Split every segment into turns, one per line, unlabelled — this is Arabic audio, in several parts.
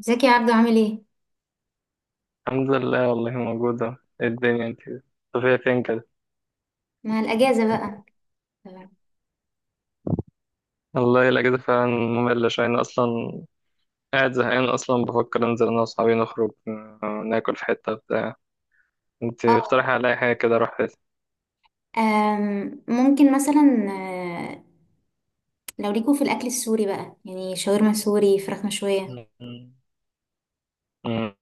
ازيك يا عبدو، عامل ايه؟
الحمد لله، والله موجودة. إيه الدنيا انت طبيعي فين كده؟
مع الأجازة بقى. تمام.
والله الأجازة فعلا مملة شوية. أنا أصلا قاعد زهقان أصلا، بفكر أنزل أنا وأصحابي نخرج ناكل في حتة بتاع. انت
اه.
اقترحي عليا حاجة كده أروح فيها.
ممكن مثلا، لو ليكوا في الأكل السوري بقى، يعني شاورما سوري، فراخ مشوية.
مم. مم.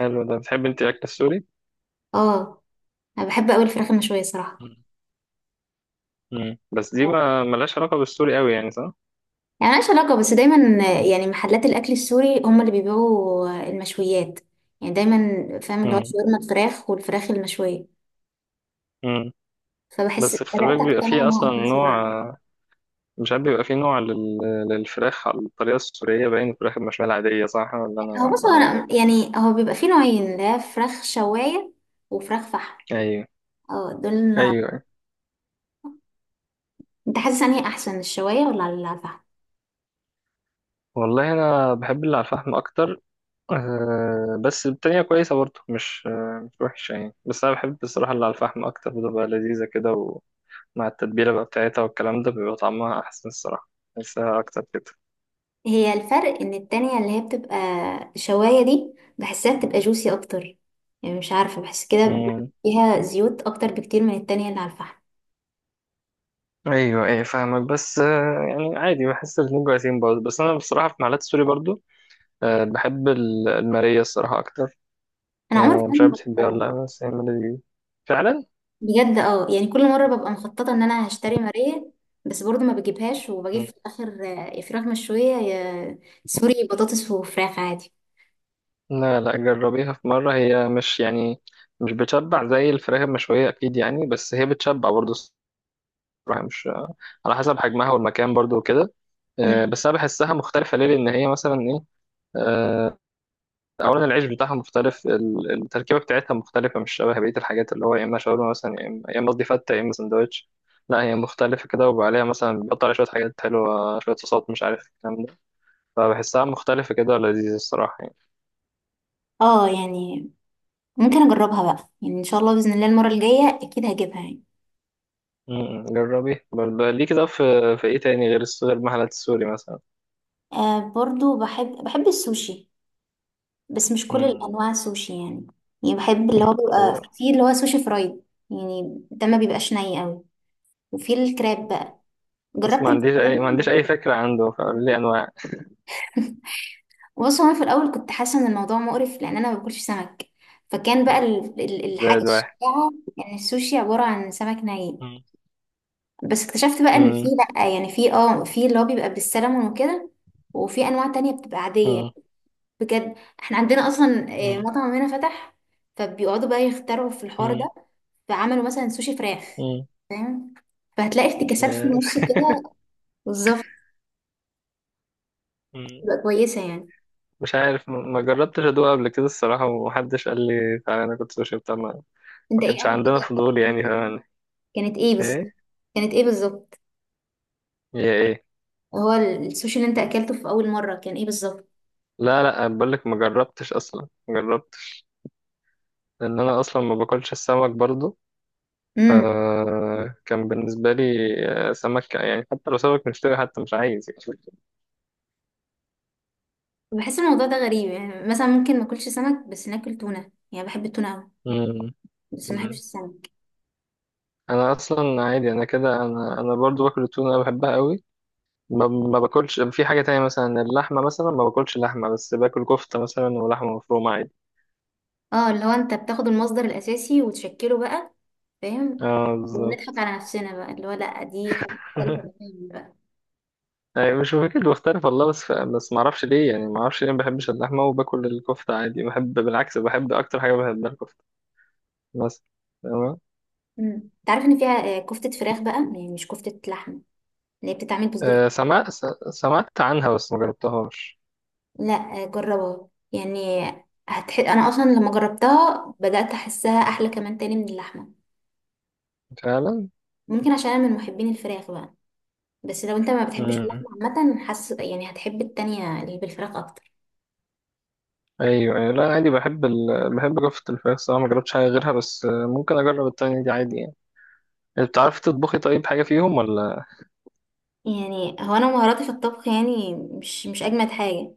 حلو. ده بتحب انت الأكل السوري؟
اه، أنا بحب أوي الفراخ المشوية صراحة.
مم. مم. بس دي ما ملهاش علاقة بالسوري أوي يعني، صح؟
يعني ملهاش علاقة، بس دايما يعني محلات الأكل السوري هم اللي بيبيعوا المشويات. يعني دايما، فاهم اللي هو
مم.
شاورما الفراخ والفراخ المشوية.
مم.
فبحس
بس خلي
بدأت
بالك بيبقى
أقتنع
فيه أصلا
إنها أكل
نوع،
سوري.
مش عارف، بيبقى فيه نوع للفراخ على الطريقة السورية، باين الفراخ المشوية العادية، صح ولا أنا
هو بص، هو
أنا غلط؟
أنا يعني، هو بيبقى فيه نوعين، اللي هي فراخ شواية وفراخ فحم.
ايوه.
اه، دول.
ايوه أيوة.
انت حاسس انهي احسن، الشوايه ولا على الفحم؟
والله انا بحب اللي على الفحم اكتر. أه، بس التانية كويسة برضه، مش مش وحشة يعني، بس انا بحب الصراحة اللي على الفحم اكتر، بتبقى لذيذة كده. ومع التتبيلة بقى بتاعتها والكلام ده بيبقى طعمها احسن الصراحة، بحسها اكتر كده.
هي الفرق ان التانية اللي هي بتبقى، الشوايه دي بحسها بتبقى جوسي اكتر، يعني مش عارفه، بحس كده.
مم.
فيها زيوت اكتر بكتير من التانية اللي على الفحم.
ايوه، فاهمك، بس يعني عادي بحس الاتنين كويسين برضه، بس انا بصراحة في محلات السوري برضه، أه بحب المارية الصراحة اكتر.
انا عمري في
أه، مش
حياتي ما
عارف بتحبيها ولا
جربتها
لا، بس هي المارية دي فعلا.
بجد. اه يعني، كل مره ببقى مخططه ان انا هشتري ماريه، بس برضو ما بجيبهاش وبجيب في الاخر يا فراخ مشويه يا سوري بطاطس وفراخ عادي.
لا لا، جربيها في مرة. هي مش يعني مش بتشبع زي الفراخ المشوية أكيد يعني، بس هي بتشبع برضه الصراحة. مش، على حسب حجمها والمكان برضه وكده.
مم.
بس أنا بحسها مختلفة ليه؟ لأن هي مثلا إيه، آه، أولا العيش بتاعها مختلف، التركيبة بتاعتها مختلفة، مش شبه بقية الحاجات اللي هو يا إما شاورما مثلا، يا إما قصدي فتة، يا إما سندوتش. لا، هي مختلفة كده، وعليها مثلا بيحط عليها شوية حاجات حلوة، شوية صوصات مش عارف الكلام ده. فبحسها مختلفة كده ولذيذة الصراحة يعني.
اه يعني ممكن اجربها بقى، يعني ان شاء الله باذن الله المره الجايه اكيد هجيبها يعني.
مم. جربي برضه. ليه كده في في ايه تاني غير غير المحلات السوري مثلا؟
آه، برضو بحب السوشي. بس مش كل
مم.
الانواع سوشي يعني. يعني بحب اللي هو بيبقى
هو
فيه، اللي هو سوشي فرايد. يعني ده ما بيبقاش ني قوي. وفي الكراب بقى،
بس
جربت
ما عنديش اي
الجمبري.
فكرة عنده، فقول لي انواع.
بص، هو انا في الاول كنت حاسه ان الموضوع مقرف، لان انا ما باكلش سمك. فكان بقى
مم.
الحاجه
زائد واحد.
الشائعه، يعني السوشي عباره عن سمك ني.
مم.
بس اكتشفت بقى ان في،
مم.
لا يعني، في اللي هو بيبقى بالسلمون وكده، وفي انواع تانية بتبقى عاديه.
مم.
بجد. احنا عندنا اصلا
مم.
مطعم هنا فتح، فبيقعدوا بقى يخترعوا في الحوار
مم.
ده. فعملوا مثلا سوشي فراخ،
مم.
فاهم؟ فهتلاقي افتكاسات في
يا-
النص كده. بالظبط.
مم.
تبقى كويسه يعني.
مش عارف، ما جربتش ادوق قبل كده الصراحة، ومحدش قال لي تعالى. انا كنت سوشي بتاع ما ما
انت ايه
كانش
اول
عندنا
حاجه
فضول يعني، فاهم؟
كانت ايه بالظبط؟
ايه؟
كانت ايه بالظبط؟
يا ايه؟
هو السوشي اللي انت اكلته في اول مره كان ايه بالظبط؟
لا لا، بقول لك ما جربتش اصلا، ما جربتش، لان انا اصلا ما باكلش السمك برضه.
امم
فكان بالنسبة لي سمك يعني، حتى لو سمك مشتري، حتى مش عايز يعني.
بحس الموضوع ده غريب، يعني مثلا ممكن ما اكلش سمك بس ناكل تونه، يعني بحب التونه قوي،
مم.
بس ما بحبش
مم.
السمك.
أنا أصلا عادي. أنا كده، أنا برضو باكل التونة، أنا بحبها قوي. ما باكلش في حاجة تانية مثلا، اللحمة مثلا ما باكلش لحمة، بس باكل كفتة مثلا ولحمة مفرومة عادي.
اه، اللي هو انت بتاخد المصدر الاساسي وتشكله بقى، فاهم؟
اه بالظبط.
ونضحك على نفسنا بقى، اللي هو لا، دي حاجة مختلفة تماما بقى.
يعني مش فاكر بختلف والله، بس ما اعرفش ليه يعني، ما اعرفش ليه ما بحبش اللحمه، وباكل الكفته عادي، بحب، بالعكس بحب اكتر حاجه بحبها الكفته. بس، تمام.
مم. انت عارف ان فيها كفتة فراخ بقى، يعني مش كفتة لحمة، اللي هي بتتعمل بصدور.
سمعت سمعت عنها، بس ما جربتهاش.
لا، جربها يعني. انا اصلا لما جربتها بدأت احسها احلى كمان تاني من اللحمة.
فعلا.
ممكن عشان انا من محبين الفراخ بقى، بس لو انت ما بتحبش
مم.
اللحمة، عامة حاسس يعني هتحب التانية اللي بالفراخ اكتر.
ايوه ايوه، لا عادي، بحب بحب رفة الفراخ صراحة، ما جربتش حاجة غيرها، بس ممكن اجرب التانية دي عادي يعني. انت بتعرفي تطبخي طيب حاجة فيهم ولا؟
يعني هو انا مهاراتي في الطبخ يعني مش اجمد حاجة،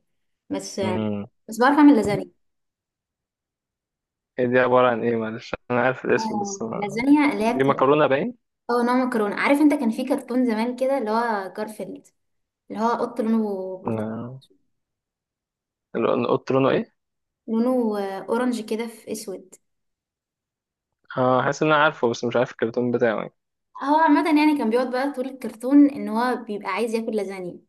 بس
مم.
بعرف اعمل لازانيا.
هي دي عبارة عن ايه؟ معلش انا عارف الاسم بس ما...
لازانيا اللي هي
دي
بتبقى،
مكرونة باين.
اه، نوع مكرونه. عارف انت كان في كرتون زمان كده اللي هو جارفيلد، اللي هو قط لونه برتقالي؟
آه، اللي قلت لونه ايه؟
لونه اورنج كده في اسود.
اه، حاسس ان انا عارفه، بس مش عارف الكرتون بتاعه يعني.
هو عامه يعني كان بيقعد بقى طول الكرتون ان هو بيبقى عايز ياكل لازانيا.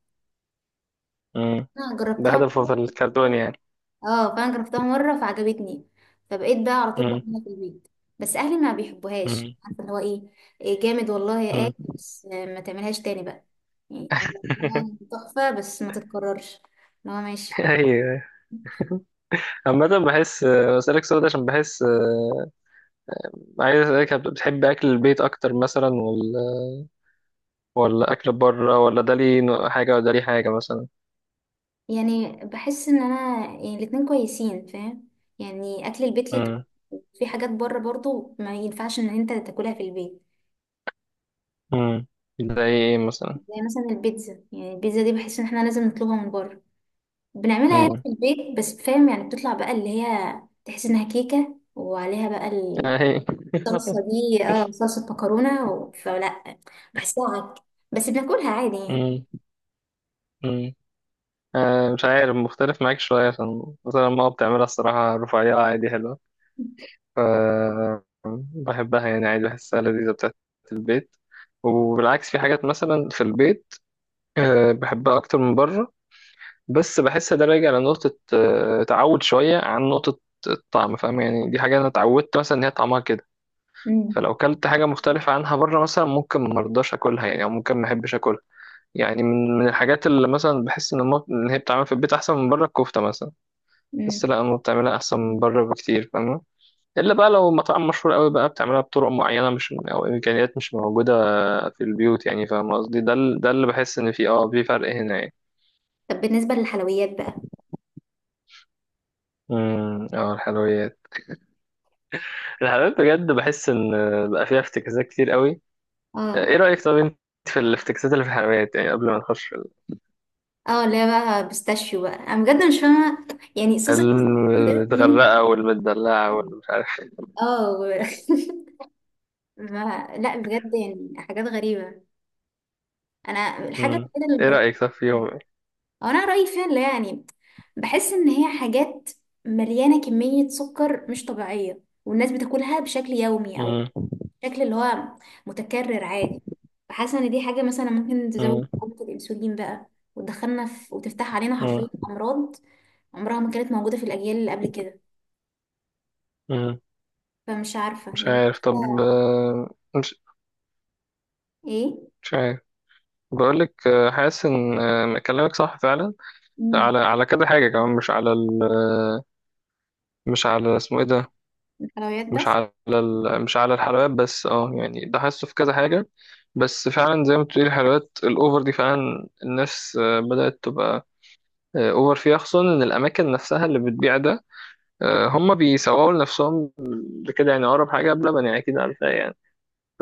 مم.
انا
ده
جربتها
هدفه في
مره.
الكرتون يعني؟
اه، فانا جربتها مره فعجبتني، فبقيت بقى على طول
مم.
بعملها في البيت. بس اهلي ما بيحبوهاش،
مم.
عارفه اللي هو ايه؟ إيه جامد والله يا
مم.
اكل، بس ما تعملهاش تاني بقى. يعني هو تحفه بس ما تتكررش. اللي هو ماشي.
ايوه. عامة بحس بسألك سؤال ده عشان بحس عايز اسألك، بتحب اكل البيت اكتر مثلا ولا اكل بره؟ ولا ده ليه حاجه ولا ده ليه حاجه مثلا؟
يعني بحس ان انا يعني الاتنين كويسين، فاهم؟ يعني اكل البيت ليه
امم.
طعم. في حاجات بره برضو ما ينفعش ان انت تاكلها في البيت.
امم. ده ايه مثلا؟
زي مثلا البيتزا. يعني البيتزا دي بحس ان احنا لازم نطلبها من بره. بنعملها هنا
امم.
في البيت بس، فاهم؟ يعني بتطلع بقى اللي هي تحس انها كيكة، وعليها بقى
اهي.
الصلصة دي، اه صلصة مكرونة فلا. بحسها عك، بس بناكلها عادي يعني.
امم. امم. آه مش عارف، مختلف معاك شويه، عشان مثلا ماما بتعملها الصراحه رفيعه عادي حلوه، ف بحبها يعني عادي، بحسها لذيذه بتاعت البيت. وبالعكس في حاجات مثلا في البيت آه بحبها اكتر من بره، بس بحس ده راجع لنقطه آه تعود شويه، عن نقطه الطعم، فاهم يعني؟ دي حاجه انا اتعودت مثلا ان هي طعمها كده،
امم.
فلو كلت حاجة مختلفة عنها بره مثلا ممكن مرضاش أكلها يعني، أو ممكن محبش أكلها يعني. من من الحاجات اللي مثلا بحس إن إن هي بتتعمل في البيت أحسن من بره، الكفتة مثلا،
امم.
بحس لأ، أمي بتعملها أحسن من بره بكتير، فاهمة؟ إلا بقى لو مطعم مشهور أوي بقى بتعملها بطرق معينة، مش، أو إمكانيات مش موجودة في البيوت يعني، فاهم قصدي؟ ده ده اللي بحس إن فيه أه في فرق هنا يعني.
طب بالنسبة للحلويات بقى؟
امم. اه الحلويات. الحلويات بجد بحس إن بقى فيها افتكاسات كتير أوي.
اه.
إيه رأيك طب أنت في الافتكاسات اللي في الحلويات يعني قبل ما نخش؟
اه، اللي هي بقى بيستاشيو بقى، انا بجد مش فاهمه يعني. صوص البيستاشيو ده
المتغرقة
منين؟
والمتدلعة والمش عارف.
اه ما... لا بجد، يعني حاجات غريبه. انا الحاجه
مم.
الوحيده اللي
ايه
جربتها،
رأيك؟ صح فيهم ايه.
أو انا رايي فيها، اللي هي يعني، بحس ان هي حاجات مليانه كميه سكر مش طبيعيه، والناس بتاكلها بشكل يومي، او
مم.
بشكل اللي هو متكرر عادي. فحاسه ان دي حاجه مثلا ممكن تزود
مم.
حالة الانسولين بقى، وتدخلنا في، وتفتح علينا
مم.
حرفيا امراض عمرها ما كانت موجوده في الاجيال اللي قبل كده.
مم.
فمش عارفة
مش
يعني.
عارف طب
لسه.
مش
ايه.
مش عارف، بقولك حاسس ان كلامك صح فعلا،
مم.
على على كذا حاجة كمان. مش على ال آه، مش على اسمه ايه ده،
الحلويات
مش
بس.
على مش على الحلويات بس. اه يعني ده حاسه في كذا حاجة، بس فعلا زي ما بتقولي الحلويات الأوفر دي فعلا الناس بدأت تبقى أوفر فيها. خصوصا إن الأماكن نفسها اللي بتبيع ده هم بيسوقوا لنفسهم بكده يعني. أقرب حاجة بلبن يعني، أكيد عارفها يعني،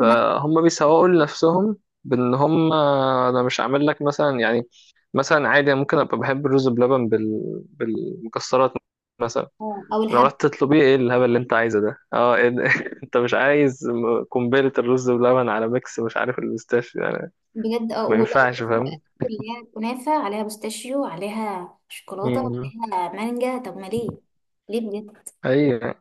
مثلا.
بيسوقوا لنفسهم بإن هم، أنا مش عامل لك مثلا يعني، مثلا عادي ممكن أبقى بحب الرز بلبن بالمكسرات مثلا،
اه، او
لو
الهبة.
رحت تطلبيه، إيه الهبل اللي أنت عايزه ده؟ أه إيه ده؟ أنت مش عايز قنبلة الرز بلبن على ميكس مش عارف البيستاشيو يعني،
بجد، اه.
ما
ولا
ينفعش،
ولازم بقى
فاهم؟
اللي هي الكنافة عليها بوستاشيو، عليها شوكولاتة،
مم.
عليها مانجا؟ طب ما ليه؟ ليه بجد.
أيوه.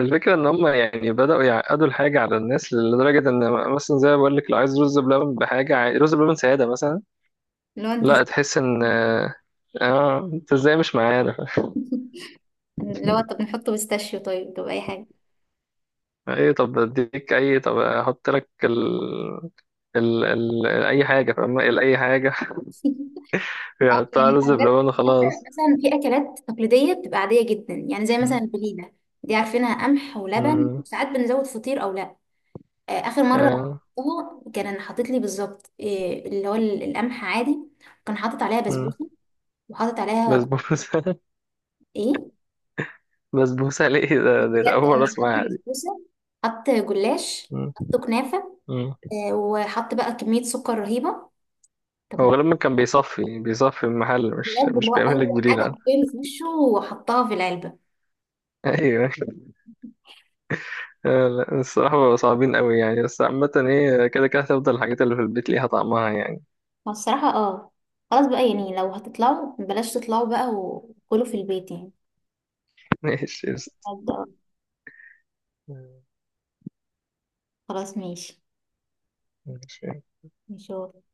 الفكرة إن هم يعني بدأوا يعقدوا الحاجة على الناس لدرجة إن مثلا زي ما بقول لك، لو عايز رز بلبن بحاجة رز بلبن سادة مثلا،
لو انت ز-
لا تحس إن أنت إزاي مش معانا؟
لو طب نحط بوستاشيو، طيب، طب اي حاجة.
إيه طب أديك أي، طب أحط لك أي حاجة، فاهمة؟ أي حاجة.
اه
يحطها
يعني
رز بلبن
بجد،
وخلاص.
مثلا في اكلات تقليدية بتبقى عادية جدا، يعني زي مثلا
مم.
البليلة، دي عارفينها قمح ولبن
مم.
وساعات بنزود فطير او لا. اخر مره
آه.
رحتها كان حاطط لي بالظبط إيه اللي هو القمح عادي، كان حاطط عليها
مم.
بسبوسه، وحاطط عليها
بسبوسة.
ايه؟
بسبوسة ليه ده؟ دي
بجد
أول مرة
حط
أسمعها دي.
بسبوسه، حط جلاش،
مم.
حط كنافه،
مم.
وحط بقى كميه سكر رهيبه. طب
هو
ما،
غالبا كان بيصفي، المحل
بجد اللي
مش
هو
بيعمل لك
اي حاجه
بديل.
حرفيا في وشه وحطها في العلبه.
ايوه. لا الصراحه بقوا صعبين قوي يعني، بس عامه هي كده كده هتفضل الحاجات اللي في البيت ليها طعمها يعني.
فالصراحه اه، خلاص بقى يعني، لو هتطلعوا بلاش تطلعوا بقى وكلوا في البيت يعني.
ماشي قشطة.
بجد، آه. خلاص ماشي.
ماشي.
ماشي.